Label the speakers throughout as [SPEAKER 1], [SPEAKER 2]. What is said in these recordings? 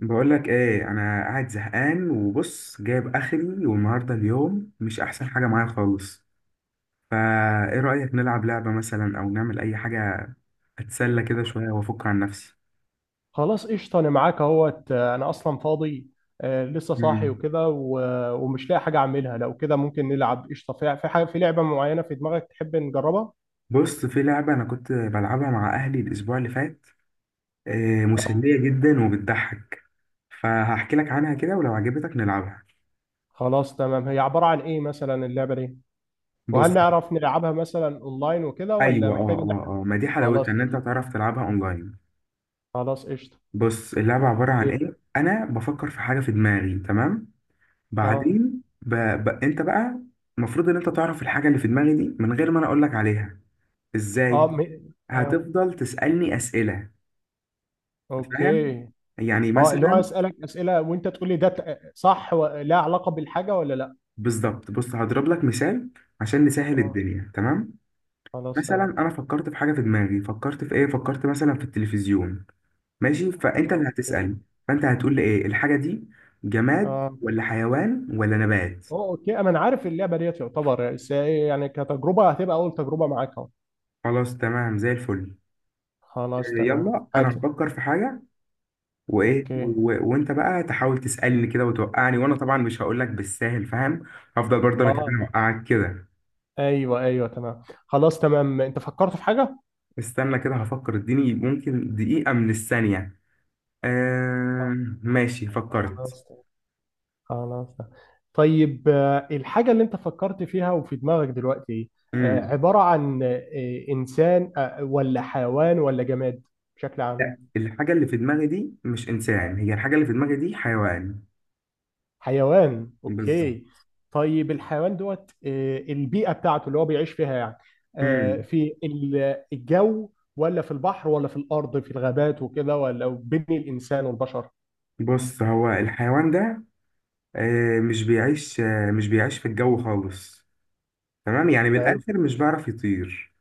[SPEAKER 1] بقول لك ايه، انا قاعد زهقان وبص جايب اخري، والنهارده اليوم مش احسن حاجه معايا خالص. فا ايه رايك نلعب لعبه مثلا او نعمل اي حاجه، اتسلى كده شويه وافك عن نفسي.
[SPEAKER 2] خلاص قشطة. أنا معاك أهوت. أنا أصلا فاضي. آه، لسه صاحي
[SPEAKER 1] مم.
[SPEAKER 2] وكده ومش لاقي حاجة أعملها. لو كده ممكن نلعب قشطة. في حاجة، في لعبة معينة في دماغك تحب نجربها؟
[SPEAKER 1] بص، في لعبه انا كنت بلعبها مع اهلي الاسبوع اللي فات،
[SPEAKER 2] آه.
[SPEAKER 1] مسليه جدا وبتضحك. فهحكي لك عنها كده ولو عجبتك نلعبها.
[SPEAKER 2] خلاص تمام، هي عبارة عن إيه مثلا اللعبة دي؟ وهل
[SPEAKER 1] بص،
[SPEAKER 2] نعرف نلعبها مثلا أونلاين وكده ولا
[SPEAKER 1] ايوه اه
[SPEAKER 2] محتاج
[SPEAKER 1] اه
[SPEAKER 2] إن إحنا؟
[SPEAKER 1] اه آه، ما دي
[SPEAKER 2] خلاص
[SPEAKER 1] حلاوتها ان انت
[SPEAKER 2] قشطة.
[SPEAKER 1] تعرف تلعبها اونلاين.
[SPEAKER 2] خلاص قشطة.
[SPEAKER 1] بص، اللعبه عباره عن
[SPEAKER 2] أكيد.
[SPEAKER 1] ايه، انا بفكر في حاجه في دماغي، تمام.
[SPEAKER 2] أه
[SPEAKER 1] بعدين انت بقى المفروض ان انت تعرف الحاجه اللي في دماغي دي من غير ما انا اقول لك عليها.
[SPEAKER 2] أه
[SPEAKER 1] ازاي؟
[SPEAKER 2] م... أه
[SPEAKER 1] هتفضل تسالني اسئله، فاهم؟
[SPEAKER 2] أوكي.
[SPEAKER 1] يعني
[SPEAKER 2] اللي هو
[SPEAKER 1] مثلا،
[SPEAKER 2] أسألك أسئلة، وأنت تقول لي ده صح ولا علاقة بالحاجة ولا لأ؟
[SPEAKER 1] بالظبط. بص هضرب لك مثال عشان نسهل
[SPEAKER 2] أه.
[SPEAKER 1] الدنيا، تمام.
[SPEAKER 2] خلاص
[SPEAKER 1] مثلا
[SPEAKER 2] تمام.
[SPEAKER 1] انا فكرت في حاجه في دماغي، فكرت في ايه، فكرت مثلا في التلفزيون. ماشي، فانت اللي
[SPEAKER 2] أوكي.
[SPEAKER 1] هتسال، فانت هتقول لي ايه الحاجه دي، جماد
[SPEAKER 2] آه.
[SPEAKER 1] ولا حيوان ولا نبات.
[SPEAKER 2] اه، اوكي، انا عارف اللعبه ديت يعتبر. بس هي يعني كتجربه هتبقى اول تجربه معاك اهو.
[SPEAKER 1] خلاص تمام، زي الفل.
[SPEAKER 2] خلاص تمام
[SPEAKER 1] يلا انا
[SPEAKER 2] حاتم.
[SPEAKER 1] هفكر في حاجه وايه
[SPEAKER 2] اوكي،
[SPEAKER 1] وانت بقى تحاول تسالني كده وتوقعني، وانا طبعا مش هقول لك بالساهل، فاهم؟ هفضل برضه انا كمان
[SPEAKER 2] اه،
[SPEAKER 1] اوقعك كده.
[SPEAKER 2] ايوه، ايوه، تمام، خلاص تمام. انت فكرت في حاجه.
[SPEAKER 1] استنى كده هفكر، اديني ممكن دقيقه من الثانيه.
[SPEAKER 2] آه.
[SPEAKER 1] آه... ماشي، فكرت.
[SPEAKER 2] خلاص تمام. خلاص تمام. طيب، الحاجه اللي انت فكرت فيها وفي دماغك دلوقتي ايه؟
[SPEAKER 1] امم
[SPEAKER 2] عباره عن انسان، ولا حيوان ولا جماد بشكل عام؟
[SPEAKER 1] لا، الحاجه اللي في دماغي دي مش انسان، هي الحاجه اللي في دماغي دي حيوان.
[SPEAKER 2] حيوان،
[SPEAKER 1] بالظبط.
[SPEAKER 2] اوكي. طيب الحيوان دوت، البيئة بتاعته اللي هو بيعيش فيها يعني،
[SPEAKER 1] امم
[SPEAKER 2] في الجو ولا في البحر ولا في الأرض في الغابات وكده ولا بين الإنسان والبشر؟
[SPEAKER 1] بص، هو الحيوان ده مش بيعيش في الجو خالص. تمام، يعني
[SPEAKER 2] حلو،
[SPEAKER 1] بالاخر مش بيعرف يطير.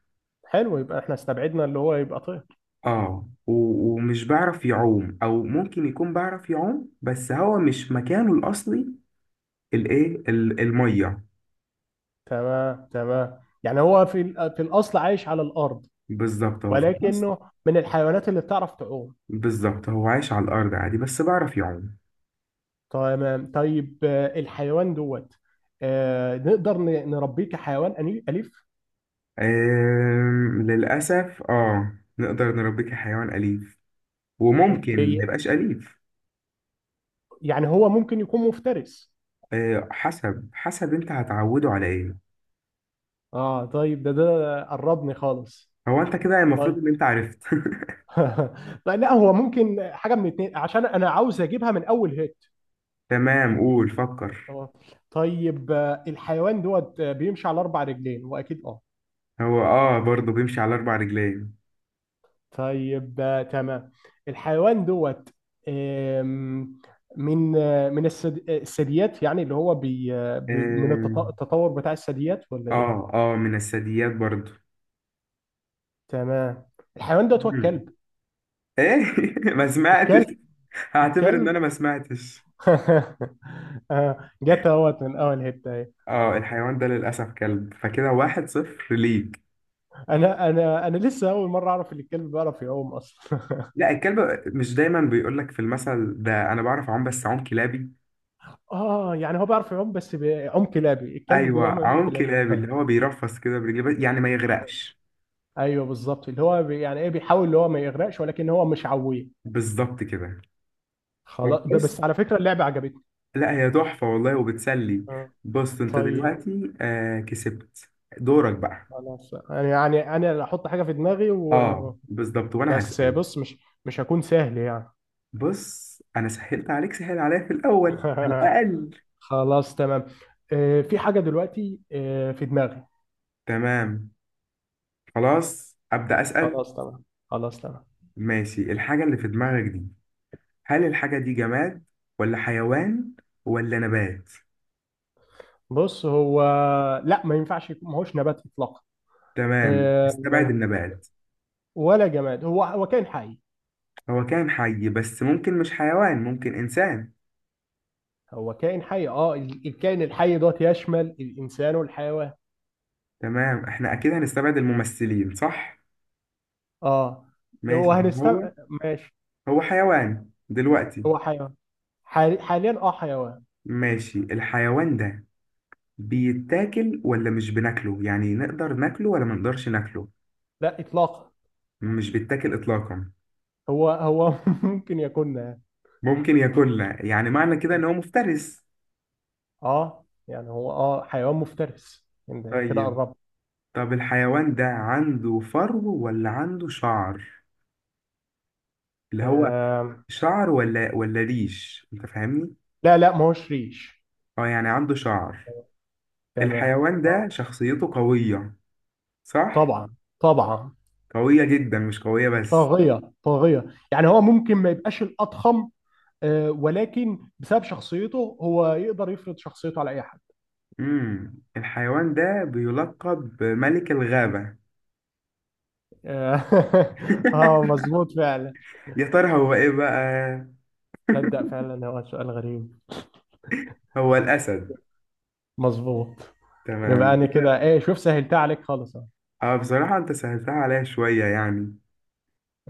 [SPEAKER 2] حلو، يبقى احنا استبعدنا اللي هو يبقى طير.
[SPEAKER 1] اه ومش بعرف يعوم، او ممكن يكون بعرف يعوم بس هو مش مكانه الاصلي، الايه، الميه.
[SPEAKER 2] تمام، تمام، يعني هو في الأصل عايش على الأرض،
[SPEAKER 1] بالظبط، هو في مصر.
[SPEAKER 2] ولكنه من الحيوانات اللي بتعرف تعوم.
[SPEAKER 1] بالظبط، هو عايش على الارض عادي بس بعرف يعوم.
[SPEAKER 2] تمام. طيب الحيوان دوت، نقدر نربيه كحيوان أليف؟
[SPEAKER 1] للاسف اه، نقدر نربيه كحيوان اليف وممكن
[SPEAKER 2] اوكي.
[SPEAKER 1] ما يبقاش اليف.
[SPEAKER 2] يعني هو ممكن يكون مفترس.
[SPEAKER 1] آه، حسب حسب انت هتعوده على ايه.
[SPEAKER 2] اه طيب، ده قربني خالص.
[SPEAKER 1] هو انت كده المفروض
[SPEAKER 2] طيب.
[SPEAKER 1] ان انت عرفت.
[SPEAKER 2] طيب، لا هو ممكن حاجه من اتنين عشان انا عاوز اجيبها من اول هيت.
[SPEAKER 1] تمام، قول، فكر.
[SPEAKER 2] اه. طيب الحيوان دوت بيمشي على اربع رجلين واكيد؟ اه.
[SPEAKER 1] هو اه برضه بيمشي على 4 رجلين.
[SPEAKER 2] طيب تمام. الحيوان دوت، آم، من الثدييات، يعني اللي هو من
[SPEAKER 1] آه
[SPEAKER 2] التطور بتاع الثدييات ولا ايه؟
[SPEAKER 1] اه من الثدييات برضو.
[SPEAKER 2] تمام. الحيوان دوت هو
[SPEAKER 1] مم.
[SPEAKER 2] الكلب.
[SPEAKER 1] ايه؟ ما سمعتش.
[SPEAKER 2] الكلب.
[SPEAKER 1] هعتبر ان
[SPEAKER 2] الكلب.
[SPEAKER 1] انا ما سمعتش.
[SPEAKER 2] جت اهوت من اول حته اهي.
[SPEAKER 1] اه، الحيوان ده للاسف كلب، فكده 1-0 ليك.
[SPEAKER 2] انا لسه اول مره اعرف ان الكلب بيعرف يعوم اصلا.
[SPEAKER 1] لا، الكلب مش دايما بيقول لك في المثل ده، انا بعرف اعوم بس اعوم كلابي.
[SPEAKER 2] اه، يعني هو بيعرف يعوم بس بيعوم كلابي. الكلب
[SPEAKER 1] ايوه،
[SPEAKER 2] بيعوم،
[SPEAKER 1] اعوم
[SPEAKER 2] كلابي.
[SPEAKER 1] كلابي، اللي هو بيرفس كده برجليه يعني ما يغرقش.
[SPEAKER 2] ايوه بالظبط، اللي هو يعني ايه، بيحاول اللي هو ما يغرقش، ولكن هو مش عويه.
[SPEAKER 1] بالظبط كده. طب
[SPEAKER 2] خلاص،
[SPEAKER 1] بص،
[SPEAKER 2] بس على فكره اللعبه عجبتني.
[SPEAKER 1] لا هي تحفه والله وبتسلي.
[SPEAKER 2] آه،
[SPEAKER 1] بص، انت
[SPEAKER 2] طيب.
[SPEAKER 1] دلوقتي كسبت. دورك بقى.
[SPEAKER 2] خلاص، انا يعني انا اللي احط حاجه في دماغي
[SPEAKER 1] اه
[SPEAKER 2] و...
[SPEAKER 1] بالظبط، وانا
[SPEAKER 2] بس
[SPEAKER 1] هسأل.
[SPEAKER 2] بص، مش هكون سهل يعني.
[SPEAKER 1] بص، انا سهلت عليك، سهل عليا في الاول على الاقل.
[SPEAKER 2] خلاص تمام. في حاجه دلوقتي في دماغي.
[SPEAKER 1] تمام، خلاص ابدا اسال.
[SPEAKER 2] خلاص تمام. خلاص تمام.
[SPEAKER 1] ماشي، الحاجه اللي في دماغك دي، هل الحاجه دي جماد ولا حيوان ولا نبات؟
[SPEAKER 2] بص هو، لا ما ينفعش يكون، ما هوش نبات اطلاقا.
[SPEAKER 1] تمام، استبعد
[SPEAKER 2] آه،
[SPEAKER 1] النبات.
[SPEAKER 2] ولا جماد، هو كائن حي.
[SPEAKER 1] هو كان حي بس ممكن مش حيوان، ممكن انسان.
[SPEAKER 2] هو كائن حي. الكائن الحي دوت يشمل الانسان والحيوان.
[SPEAKER 1] تمام، احنا اكيد هنستبعد الممثلين، صح.
[SPEAKER 2] اه، لو
[SPEAKER 1] ماشي، هو
[SPEAKER 2] هنستبعد، ماشي.
[SPEAKER 1] هو حيوان دلوقتي.
[SPEAKER 2] هو حيوان. حاليا حيوان.
[SPEAKER 1] ماشي، الحيوان ده بيتاكل ولا مش بناكله؟ يعني نقدر ناكله ولا ما نقدرش ناكله؟
[SPEAKER 2] لا اطلاقا.
[SPEAKER 1] مش بيتاكل إطلاقا؟
[SPEAKER 2] هو ممكن يكون.
[SPEAKER 1] ممكن ياكلها، يعني معنى كده إن هو مفترس.
[SPEAKER 2] اه، يعني هو حيوان مفترس، يعني انا كده
[SPEAKER 1] طيب،
[SPEAKER 2] قربت.
[SPEAKER 1] طب الحيوان ده عنده فرو ولا عنده شعر، اللي هو
[SPEAKER 2] آه.
[SPEAKER 1] شعر ولا ولا ريش، أنت فاهمني؟
[SPEAKER 2] لا، لا، ما هوش ريش.
[SPEAKER 1] اه، يعني عنده شعر.
[SPEAKER 2] تمام،
[SPEAKER 1] الحيوان
[SPEAKER 2] اه.
[SPEAKER 1] ده شخصيته قوية، صح؟
[SPEAKER 2] طبعا، طبعا.
[SPEAKER 1] قوية جدا، مش قوية بس.
[SPEAKER 2] طاغية، طاغية. يعني هو ممكن ما يبقاش الأضخم، ولكن بسبب شخصيته هو يقدر يفرض شخصيته على أي حد.
[SPEAKER 1] الحيوان ده بيلقب بملك الغابة.
[SPEAKER 2] آه. آه، مظبوط فعلا.
[SPEAKER 1] يا ترى هو ايه بقى؟
[SPEAKER 2] تصدق فعلا هو سؤال غريب.
[SPEAKER 1] هو الأسد؟
[SPEAKER 2] مظبوط. يبقى
[SPEAKER 1] تمام
[SPEAKER 2] أنا
[SPEAKER 1] كده.
[SPEAKER 2] كده إيه، شوف سهلتها عليك خالص أهو.
[SPEAKER 1] اه، بصراحة انت سهلتها عليا شوية يعني.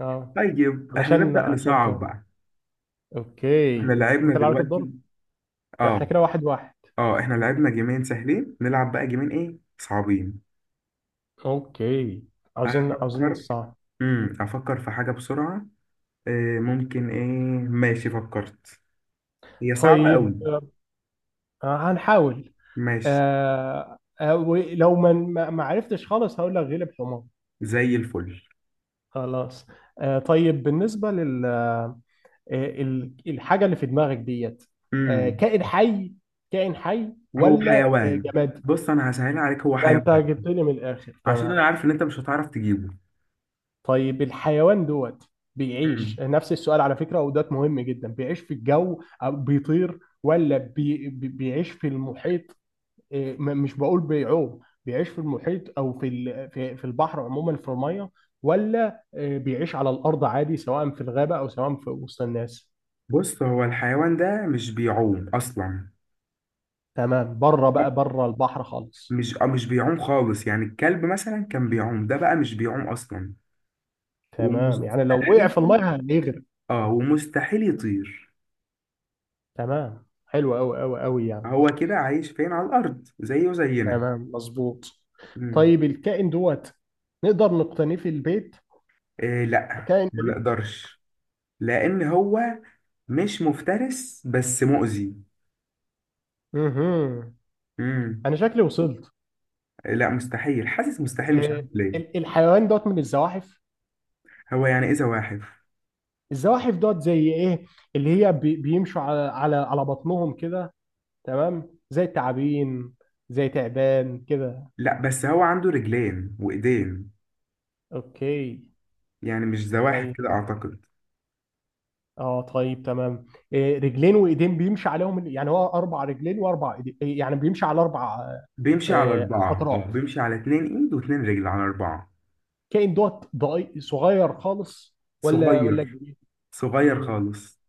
[SPEAKER 2] آه.
[SPEAKER 1] طيب احنا
[SPEAKER 2] علشان
[SPEAKER 1] نبدأ
[SPEAKER 2] عشان ت...
[SPEAKER 1] نصعب بقى.
[SPEAKER 2] أوكي.
[SPEAKER 1] احنا لعبنا
[SPEAKER 2] أنت اللي عليك الدور.
[SPEAKER 1] دلوقتي.
[SPEAKER 2] إحنا
[SPEAKER 1] اه
[SPEAKER 2] كده واحد واحد.
[SPEAKER 1] اه، احنا لعبنا جيمين سهلين، نلعب بقى جيمين ايه صعبين.
[SPEAKER 2] أوكي. عاوزين، عاوزين
[SPEAKER 1] افكر.
[SPEAKER 2] الصعب.
[SPEAKER 1] افكر في حاجة بسرعة. ممكن ايه. ماشي فكرت، هي صعبة
[SPEAKER 2] طيب
[SPEAKER 1] قوي.
[SPEAKER 2] هنحاول.
[SPEAKER 1] ماشي
[SPEAKER 2] ولو ما عرفتش خالص هقول لك غلب حمار.
[SPEAKER 1] زي الفل.
[SPEAKER 2] خلاص. طيب، بالنسبة لل الحاجة اللي في دماغك ديت،
[SPEAKER 1] امم
[SPEAKER 2] كائن حي؟ كائن حي
[SPEAKER 1] هو
[SPEAKER 2] ولا
[SPEAKER 1] حيوان.
[SPEAKER 2] جماد؟
[SPEAKER 1] بص انا هسهلها عليك، هو
[SPEAKER 2] ده
[SPEAKER 1] حيوان،
[SPEAKER 2] انت جبت لي من الآخر
[SPEAKER 1] عشان انا
[SPEAKER 2] تمام.
[SPEAKER 1] عارف ان انت مش هتعرف تجيبه.
[SPEAKER 2] طيب الحيوان دوت بيعيش،
[SPEAKER 1] امم
[SPEAKER 2] نفس السؤال على فكرة ودوت مهم جدا، بيعيش في الجو أو بيطير ولا بيعيش في المحيط؟ إيه، مش بقول بيعوم. بيعيش في المحيط او في البحر عموما في الميه، ولا إيه، بيعيش على الارض عادي سواء في الغابه او سواء في وسط الناس؟
[SPEAKER 1] بص، هو الحيوان ده مش بيعوم اصلا.
[SPEAKER 2] تمام، بره بقى بره البحر خالص.
[SPEAKER 1] مش بيعوم خالص، يعني الكلب مثلا كان بيعوم، ده بقى مش بيعوم اصلا.
[SPEAKER 2] تمام، يعني لو وقع
[SPEAKER 1] ومستحيل،
[SPEAKER 2] في الميه هيغرق.
[SPEAKER 1] اه ومستحيل يطير.
[SPEAKER 2] تمام، حلو قوي قوي قوي يعني.
[SPEAKER 1] هو كده عايش فين، على الارض زيه زينا.
[SPEAKER 2] تمام، مظبوط.
[SPEAKER 1] مم.
[SPEAKER 2] طيب الكائن دوت نقدر نقتنيه في البيت؟
[SPEAKER 1] إيه لا،
[SPEAKER 2] كائن
[SPEAKER 1] ما
[SPEAKER 2] اليف.
[SPEAKER 1] نقدرش. لان هو مش مفترس بس مؤذي.
[SPEAKER 2] مهم.
[SPEAKER 1] مم.
[SPEAKER 2] انا شكلي وصلت.
[SPEAKER 1] لا مستحيل، حاسس مستحيل، مش عارف
[SPEAKER 2] إيه،
[SPEAKER 1] ليه.
[SPEAKER 2] الحيوان دوت من الزواحف؟
[SPEAKER 1] هو يعني ايه زواحف؟
[SPEAKER 2] الزواحف دوت زي ايه؟ اللي هي بيمشوا على بطنهم كده، تمام، زي التعابين، زي تعبان كده.
[SPEAKER 1] لا بس هو عنده رجلين وايدين،
[SPEAKER 2] اوكي.
[SPEAKER 1] يعني مش زواحف
[SPEAKER 2] طيب،
[SPEAKER 1] كده اعتقد.
[SPEAKER 2] اه طيب تمام. إيه، رجلين وايدين بيمشي عليهم، يعني هو اربع رجلين واربع ايدين، إيه، يعني بيمشي على اربع
[SPEAKER 1] بيمشي على 4، اه
[SPEAKER 2] اطراف.
[SPEAKER 1] بيمشي على 2 ايد واتنين رجل، على 4.
[SPEAKER 2] كائن دوت صغير خالص، ولا
[SPEAKER 1] صغير،
[SPEAKER 2] كبير؟
[SPEAKER 1] صغير
[SPEAKER 2] امم
[SPEAKER 1] خالص.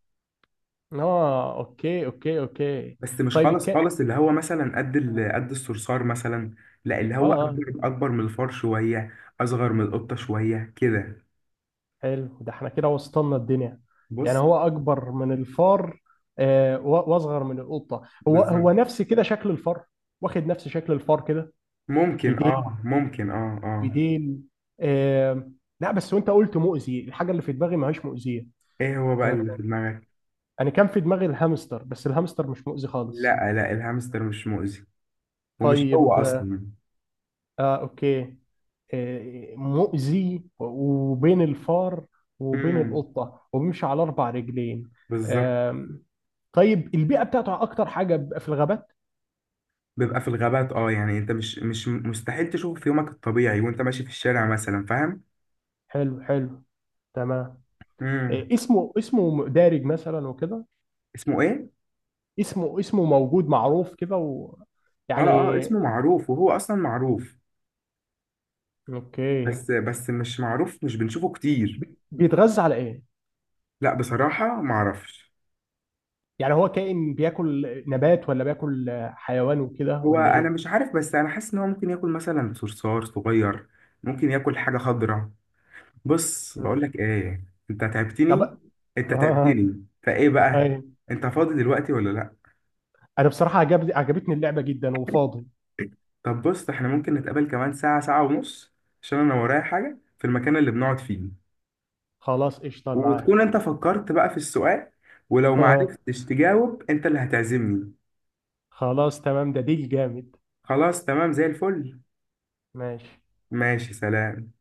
[SPEAKER 2] اه، اوكي، اوكي، اوكي.
[SPEAKER 1] بس مش
[SPEAKER 2] طيب
[SPEAKER 1] خالص
[SPEAKER 2] الكائن.
[SPEAKER 1] خالص، اللي هو مثلا قد الصرصار مثلا. لا، اللي
[SPEAKER 2] اه،
[SPEAKER 1] هو
[SPEAKER 2] اه.
[SPEAKER 1] اكبر، اكبر من الفار شويه، اصغر من القطه شويه كده.
[SPEAKER 2] حلو، ده احنا كده وصلنا الدنيا. يعني
[SPEAKER 1] بص،
[SPEAKER 2] هو اكبر من الفار واصغر من القطه؟ هو
[SPEAKER 1] بالظبط.
[SPEAKER 2] نفس كده شكل الفار، واخد نفس شكل الفار كده.
[SPEAKER 1] ممكن
[SPEAKER 2] بديل،
[SPEAKER 1] ممكن اه اه.
[SPEAKER 2] بديل. آه. لا، بس وانت قلت مؤذي، الحاجه اللي في دماغي ما هيش مؤذيه.
[SPEAKER 1] ايه هو بقى
[SPEAKER 2] آه،
[SPEAKER 1] اللي في دماغك؟
[SPEAKER 2] انا كان في دماغي الهامستر، بس الهامستر مش مؤذي خالص.
[SPEAKER 1] لا لا، الهامستر مش مؤذي، ومش هو
[SPEAKER 2] طيب
[SPEAKER 1] اصلا.
[SPEAKER 2] اوكي. مؤذي وبين الفار وبين
[SPEAKER 1] امم
[SPEAKER 2] القطه وبيمشي على اربع رجلين؟
[SPEAKER 1] بالظبط.
[SPEAKER 2] طيب البيئة بتاعته أكتر حاجة بيبقى في الغابات.
[SPEAKER 1] بيبقى في الغابات، اه يعني انت مش مستحيل تشوفه في يومك الطبيعي وانت ماشي في الشارع مثلا، فاهم؟
[SPEAKER 2] حلو، حلو. تمام.
[SPEAKER 1] امم
[SPEAKER 2] إيه اسمه، دارج مثلا وكده؟
[SPEAKER 1] اسمه ايه؟
[SPEAKER 2] اسمه، موجود معروف كده و...
[SPEAKER 1] اه اه
[SPEAKER 2] يعني.
[SPEAKER 1] اسمه معروف، وهو اصلا معروف.
[SPEAKER 2] أوكي.
[SPEAKER 1] بس مش معروف، مش بنشوفه كتير.
[SPEAKER 2] بيتغذى على إيه؟
[SPEAKER 1] لا بصراحة معرفش.
[SPEAKER 2] يعني هو كائن بياكل نبات ولا بياكل حيوان وكده
[SPEAKER 1] هو
[SPEAKER 2] ولا
[SPEAKER 1] انا
[SPEAKER 2] إيه؟
[SPEAKER 1] مش عارف، بس انا حاسس ان هو ممكن ياكل مثلا صرصار صغير، ممكن ياكل حاجة خضراء. بص بقول
[SPEAKER 2] مم.
[SPEAKER 1] لك ايه، انت
[SPEAKER 2] طب
[SPEAKER 1] تعبتني.
[SPEAKER 2] آه.
[SPEAKER 1] انت
[SPEAKER 2] آه،
[SPEAKER 1] تعبتني، فايه بقى،
[SPEAKER 2] أيوه.
[SPEAKER 1] انت فاضي دلوقتي ولا لا؟
[SPEAKER 2] أنا بصراحة عجبتني اللعبة جدا وفاضي.
[SPEAKER 1] طب بص، احنا ممكن نتقابل كمان ساعة، ساعة ونص، عشان انا ورايا حاجة في المكان اللي بنقعد فيه،
[SPEAKER 2] خلاص قشطة
[SPEAKER 1] وتكون
[SPEAKER 2] معاك.
[SPEAKER 1] انت فكرت بقى في السؤال، ولو ما عرفتش تجاوب انت اللي هتعزمني.
[SPEAKER 2] خلاص تمام، ده ديل جامد.
[SPEAKER 1] خلاص تمام زي الفل.
[SPEAKER 2] ماشي.
[SPEAKER 1] ماشي، سلام.